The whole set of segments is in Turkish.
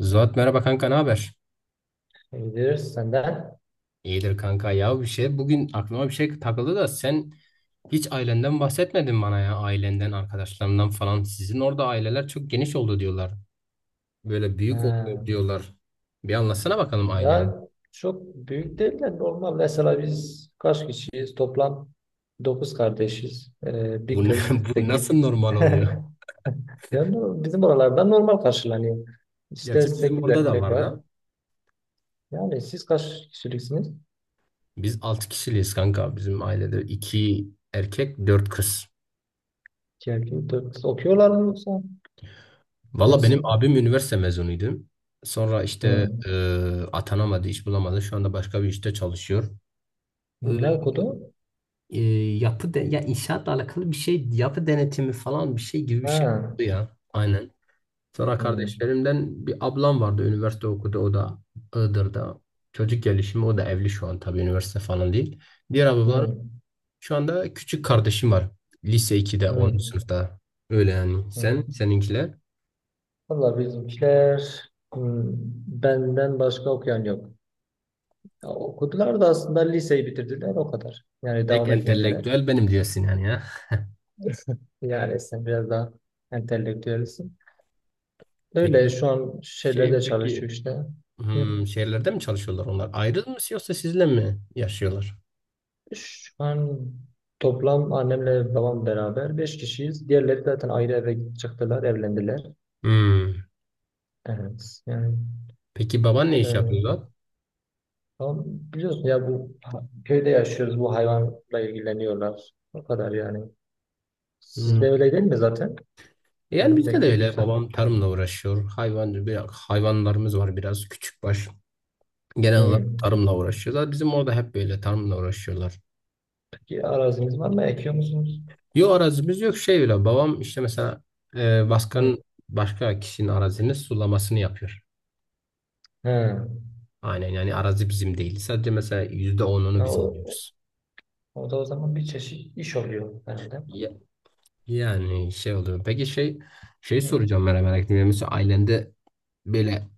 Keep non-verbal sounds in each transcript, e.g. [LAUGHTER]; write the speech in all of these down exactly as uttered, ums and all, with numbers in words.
Zuhat, merhaba kanka, ne haber? Gidiyoruz senden. İyidir kanka. Ya bir şey bugün aklıma bir şey takıldı da sen hiç ailenden bahsetmedin bana. Ya ailenden, arkadaşlarından falan, sizin orada aileler çok geniş oldu diyorlar, böyle büyük Ha. oluyor diyorlar. Bir anlatsana bakalım ailen. Ya çok büyük değil de normal. Mesela biz kaç kişiyiz? Toplam dokuz kardeşiz. Ee, bir bu, ne- kız, [LAUGHS] Bu sekiz nasıl normal oluyor? [LAUGHS] Yani bizim oralarda normal karşılanıyor. İşte Gerçi bizim sekiz orada da erkek var var. da, Yani siz kaç kişiliksiniz? biz altı kişiliyiz kanka. Bizim ailede iki erkek, dört kız. iki erkek, dört kız. Okuyorlar mı yoksa? Valla benim Hepsi. abim üniversite mezunuydu, sonra işte Hmm. e, atanamadı, iş bulamadı, şu anda başka bir işte çalışıyor. Ne okudu? e, Yapı de, ya inşaatla alakalı bir şey, yapı denetimi falan, bir şey gibi bir şey Ha. oldu ya. Aynen. Sonra Hmm. kardeşlerimden bir ablam vardı, üniversite okudu, o da Iğdır'da. Çocuk gelişimi. O da evli şu an, tabii üniversite falan değil. Diğer ablalarım... Hmm. Şu anda küçük kardeşim var, lise ikide, onuncu Hmm. sınıfta. Öyle yani. Sen Hmm. seninkiler... Valla bizimkiler, hmm, benden başka okuyan yok. Ya okudular da aslında liseyi bitirdiler o kadar. Yani Tek devam etmediler. entelektüel benim diyorsun yani ya. Yani sen biraz daha entelektüelsin. Öyle Peki, şu an şey şeylerde peki çalışıyor işte. Hı. hmm, şehirlerde mi çalışıyorlar onlar? Ayrı mı, yoksa sizle mi yaşıyorlar? Şu an toplam annemle babam beraber beş kişiyiz. Diğerleri zaten ayrı eve çıktılar, evlendiler. Hmm. Evet yani, Peki, baban ne iş yapıyor e, lan? tamam, biliyorsun ya, bu ha- köyde yaşıyoruz, bu hayvanla ilgileniyorlar. O kadar yani. Hmm. Sizde öyle değil mi zaten? Yani Sizin de bizde de köydü öyle. sanki. Babam tarımla uğraşıyor. Hayvan, bir- hayvanlarımız var biraz, küçükbaş. Genel olarak Hmm. tarımla uğraşıyorlar. Bizim orada hep böyle tarımla uğraşıyorlar. Peki araziniz var mı? Ekiyor musunuz? Yok, arazimiz yok, şey öyle. Babam işte mesela e, Hmm. başkan başka kişinin arazinin sulamasını yapıyor. He. Aynen, yani arazi bizim değil. Sadece mesela yüzde onunu Ha, biz o, alıyoruz. o da o zaman bir çeşit iş oluyor herhalde. Ya- Yani şey oluyor. Peki şey, şey Hmm. soracağım, merak merak ettim. Yani mesela ailende böyle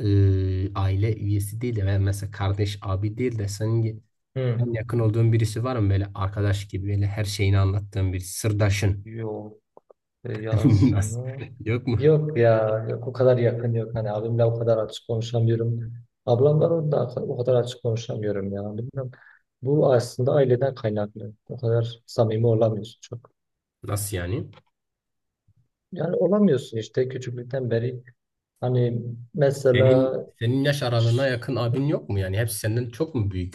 e, aile üyesi değil de, veya mesela kardeş, abi değil de, senin Hmm. en yakın olduğun birisi var mı, böyle arkadaş gibi, böyle her şeyini anlattığın bir sırdaşın? Yok. E, [LAUGHS] nasıl, Yasını. yok mu? Yok ya. Yok, o kadar yakın yok. Hani, abimle o kadar açık konuşamıyorum. Ablamla da o kadar açık konuşamıyorum ya. Bilmiyorum. Bu aslında aileden kaynaklı. O kadar samimi olamıyorsun çok. Nasıl yani, Yani olamıyorsun işte, küçüklükten beri. Hani, mesela senin senin yaş aralığına ş- yakın abin yok mu? Yani hepsi senden çok mu büyük?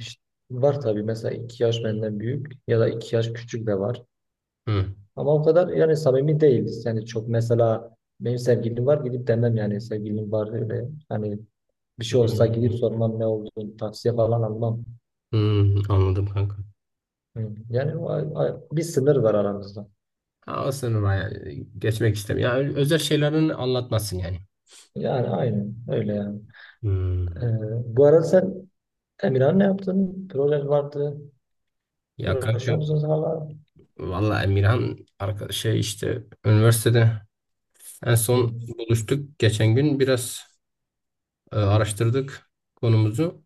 ş- var tabii, mesela iki yaş benden büyük ya da iki yaş küçük de var. Hı. Ama o kadar yani samimi değiliz. Yani çok, mesela benim sevgilim var gidip demem, yani sevgilim var öyle. Hani, bir şey olsa gidip Hmm. sormam ne olduğunu, tavsiye falan almam. Hmm, anladım kanka. Hı. Yani o, o- bir sınır var aramızda. Ha, o sınıfa yani geçmek istemiyorum. Yani özel şeylerin anlatmasın yani. Yani aynen öyle yani. Hmm. Ee, bu arada sen, Emirhan, ne yaptın? Proje vardı. Ya kanka, Uğraşıyor musunuz hala? valla Emirhan arkadaş şey, işte üniversitede... En Hı. son buluştuk geçen gün, biraz e, araştırdık konumuzu.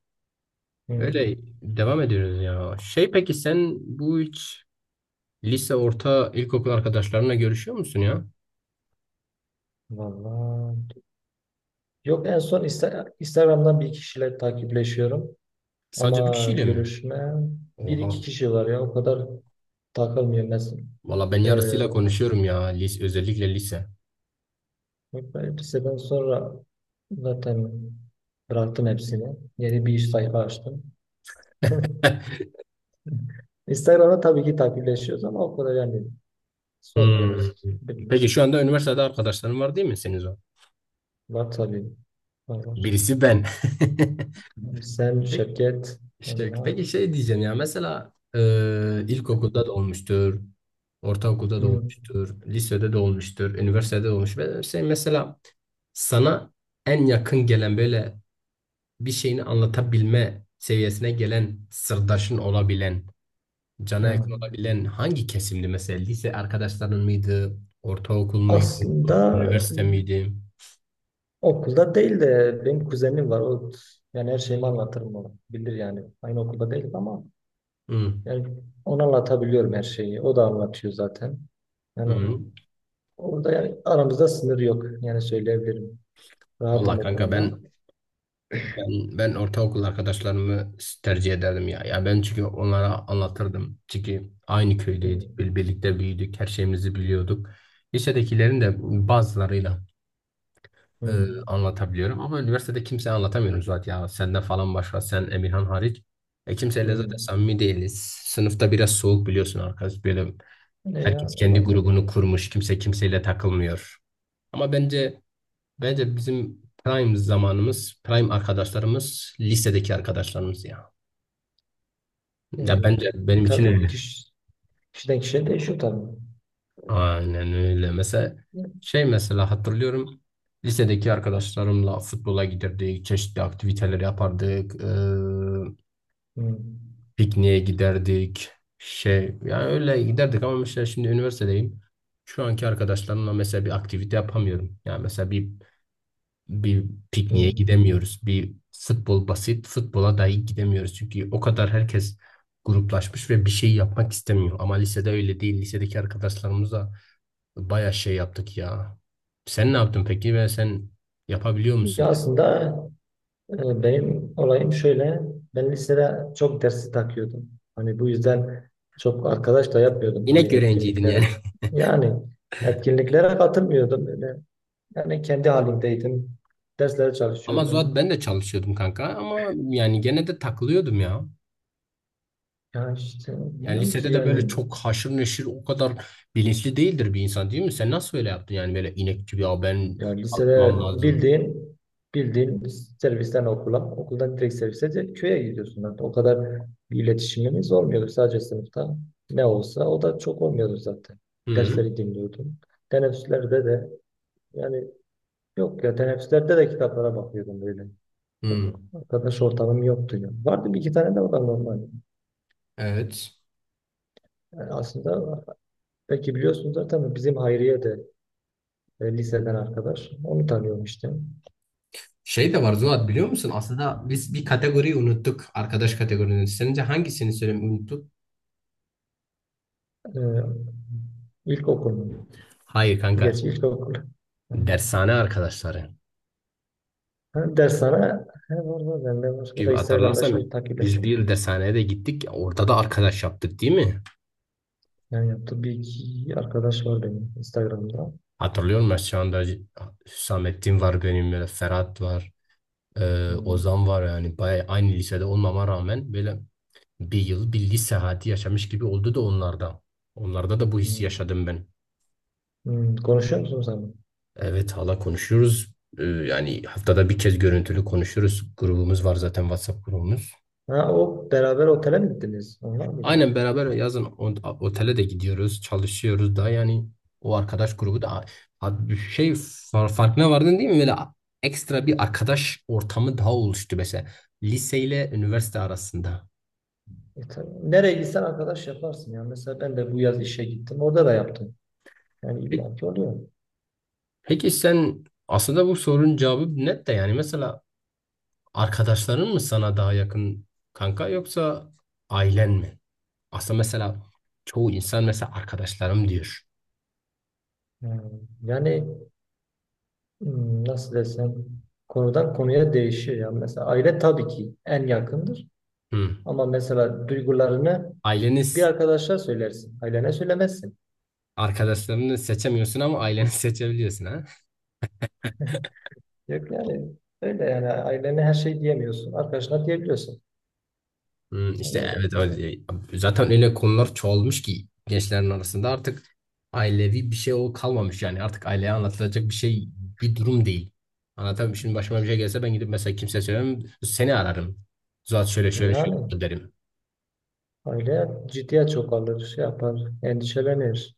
Hı. Öyle devam ediyoruz ya. Şey, peki sen bu hiç lise, orta, ilkokul arkadaşlarına görüşüyor musun ya? Vallahi. Yok, en son Insta- Instagram'dan bir kişiyle takipleşiyorum. Sadece bir Ama kişiyle mi? görüşme, bir iki Oha. kişi var ya, o kadar takılmıyorum. Mesela, Valla ben ee, yarısıyla konuşuyorum ya. Lise, özellikle lise. liseden sonra zaten bıraktım hepsini. Yeni bir iş sayfa açtım. [LAUGHS] [LAUGHS] Instagram'da tabii ki takipleşiyoruz ama o kadar yani Hmm. sormuyoruz Peki birbirimiz. şu anda üniversitede arkadaşların var değil mi senin, o? Var tabii. Var var. Birisi ben. Sen, [LAUGHS] Peki, Şevket, şey, Emrah. peki şey diyeceğim ya, mesela e, ilkokulda da olmuştur, ortaokulda da Hı, olmuştur, lisede de olmuştur, üniversitede de olmuş. Ve şey, mesela sana en yakın gelen, böyle bir şeyini anlatabilme seviyesine gelen, sırdaşın olabilen, hı. cana yakın olabilen hangi kesimdi mesela? Lise arkadaşların mıydı, ortaokul muydu, Aslında üniversite miydi? okulda değil de benim kuzenim var. O, yani her şeyimi anlatırım ona. Bilir yani. Aynı okulda değil ama Hı, yani ona anlatabiliyorum her şeyi. O da anlatıyor zaten. Yani o- hı. orada yani aramızda sınır yok. Yani söyleyebilirim. Vallahi Rahatım o kanka konuda. ben... Ben, ben ortaokul arkadaşlarımı tercih ederdim ya. Ya ben çünkü onlara anlatırdım. Çünkü aynı Hmm. köydeydik, bir- birlikte büyüdük, her şeyimizi biliyorduk. Lisedekilerin de bazılarıyla e, Hmm. anlatabiliyorum, ama üniversitede kimseye anlatamıyorum zaten ya. Senden falan başka, sen, Emirhan hariç. E, kimseyle zaten Hmm. samimi değiliz. Sınıfta biraz soğuk biliyorsun arkadaş. Böyle Ne ya? herkes kendi Olabilir ya. grubunu kurmuş, kimse kimseyle takılmıyor. Ama bence Bence bizim prime zamanımız, prime arkadaşlarımız lisedeki arkadaşlarımız ya. Ne Ya ya? bence benim için Tabii, öyle. kişi, kişiden kişiye değişiyor tabii. Aynen öyle. Mesela şey, mesela hatırlıyorum. Lisedeki arkadaşlarımla futbola giderdik, çeşitli aktiviteler yapardık, e, Hmm. pikniğe giderdik. Şey, yani öyle giderdik, ama mesela şimdi üniversitedeyim. Şu anki arkadaşlarımla mesela bir aktivite yapamıyorum. Yani mesela bir bir pikniğe Hmm. gidemiyoruz. Bir futbol, basit futbola dahi gidemiyoruz. Çünkü o kadar herkes gruplaşmış ve bir şey yapmak istemiyor. Ama lisede öyle değil. Lisedeki arkadaşlarımızla bayağı şey yaptık ya. Sen ne yaptın peki, ve sen yapabiliyor musun? Ya aslında, Ee, benim olayım şöyle: ben lisede çok dersi takıyordum. Hani bu yüzden çok arkadaş da yapmıyordum, hani İnek öğrenciydin etkinliklere. yani. Yani etkinliklere katılmıyordum öyle. Yani kendi halimdeydim. Derslere [LAUGHS] Ama Zuhat çalışıyordum. ben de çalışıyordum kanka, ama yani gene de takılıyordum ya. Ya işte Yani bilmiyorum ki lisede de böyle yani. çok haşır neşir, o kadar bilinçli değildir bir insan, değil mi? Sen nasıl öyle yaptın yani, böyle inek gibi, ya ben Ya çalışmam lisede lazım. bildiğin bildiğin, servisten okula, okuldan direkt servise de köye gidiyorsun zaten. O kadar bir iletişimimiz olmuyordu, sadece sınıfta. Ne olsa o da çok olmuyordu zaten. Hı. Dersleri dinliyordum. Teneffüslerde de, yani yok ya, teneffüslerde de kitaplara bakıyordum böyle. Çok Hmm, arkadaş ortamım yoktu ya. Vardı bir iki tane de, o da normal. evet. Yani aslında belki biliyorsunuz zaten, bizim Hayriye de, e, liseden arkadaş. Onu tanıyorum işte. Şey de var Zuhat, biliyor musun? Aslında biz bir kategoriyi unuttuk. Arkadaş kategorisini. Sence hangisini söylemeyi unuttuk? E, İlkokul mu? Hayır kanka. Gerçi ilkokul. Hı. Dershane arkadaşları. Ha, ders sana, he, var var bende var. O Bir da Instagram'da hatırlarsam, şimdi biz takipleşiyoruz. bir dershaneye de gittik. Orada da arkadaş yaptık değil mi? Yani yaptığı bir iki arkadaş var benim Instagram'da. Hatırlıyor musun şu anda? Hüsamettin var benim, böyle Ferhat var. e, Hmm. Ozan var yani. Bayağı aynı lisede olmama rağmen böyle bir yıl, bir lise hayatı yaşamış gibi oldu da onlarda. Onlarda da bu hissi Hmm. yaşadım ben. Hmm. Konuşuyor musun sen? Evet, hala konuşuyoruz. Ee, yani haftada bir kez görüntülü konuşuyoruz. Grubumuz var zaten, WhatsApp grubumuz. Ha, o beraber otele mi gittiniz? Onlar mıydı? Aynen, beraber yazın o- otele de gidiyoruz, çalışıyoruz da, yani o arkadaş grubu Hmm. da... Ha, bir şey far- farkına vardın değil mi? Böyle ekstra bir arkadaş ortamı daha oluştu mesela, liseyle üniversite arasında. E, tabii. Nereye gitsen arkadaş yaparsın ya. Mesela ben de bu yaz işe gittim. Orada da yaptım. Yani Peki, illaki oluyor. peki sen aslında bu sorunun cevabı net de, yani mesela arkadaşların mı sana daha yakın kanka, yoksa ailen mi? Aslında mesela çoğu insan mesela arkadaşlarım diyor. Hmm. Yani, hmm, nasıl desem, konudan konuya değişiyor ya. Mesela aile tabii ki en yakındır. Hı. Ama mesela duygularını bir Aileniz... arkadaşa söylersin. Ailene söylemezsin. Arkadaşlarını seçemiyorsun ama aileni [LAUGHS] seçebiliyorsun ha. [LAUGHS] Yok yani, öyle yani ailene her şey diyemiyorsun. Arkadaşına diyebiliyorsun. Hı, Yani işte o evet bakımdan. öyle. Zaten öyle konular çoğalmış ki gençlerin arasında, artık ailevi bir şey o kalmamış yani, artık aileye anlatılacak bir şey, bir durum değil. Anlatamam. Şimdi başıma bir şey gelse, ben gidip mesela kimseye söylemem, seni ararım. "Zuhat şöyle şöyle şöyle Yani oldu," derim. aile ciddiye çok alır, şey yapar, endişelenir.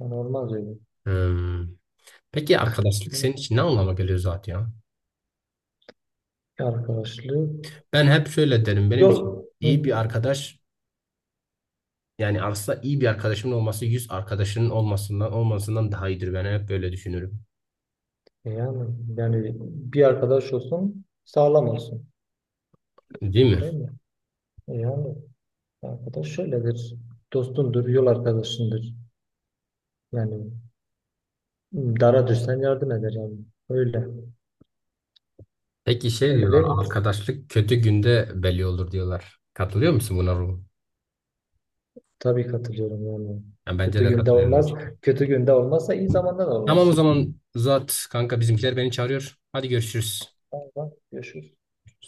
Yani olmaz öyle. Hı. Peki arkadaşlık Hı. senin için ne anlama geliyor Zuhat ya? Arkadaşlık Ben hep şöyle derim: benim için yol. Hı. iyi bir arkadaş... Yani aslında iyi bir arkadaşımın olması, yüz arkadaşının olmasından olmasından daha iyidir. Ben hep böyle düşünürüm. Yani yani bir arkadaş olsun, sağlam olsun. Değil mi? Değil mi? Yani arkadaş şöyledir. Dostundur, yol arkadaşındır. Yani, dara düşsen yardım eder yani. Öyle. Peki şey Öyle diyorlar, değil mi? arkadaşlık kötü günde belli olur diyorlar. Katılıyor musun buna Ruhu? Tabii katılıyorum yani. Yani bence Kötü de günde katılıyorum. olmaz. Kötü günde olmazsa iyi zamanda da Tamam, o olmaz. zaman uzat kanka, bizimkiler beni çağırıyor. Hadi görüşürüz. Tamam, tamam. Görüşürüz.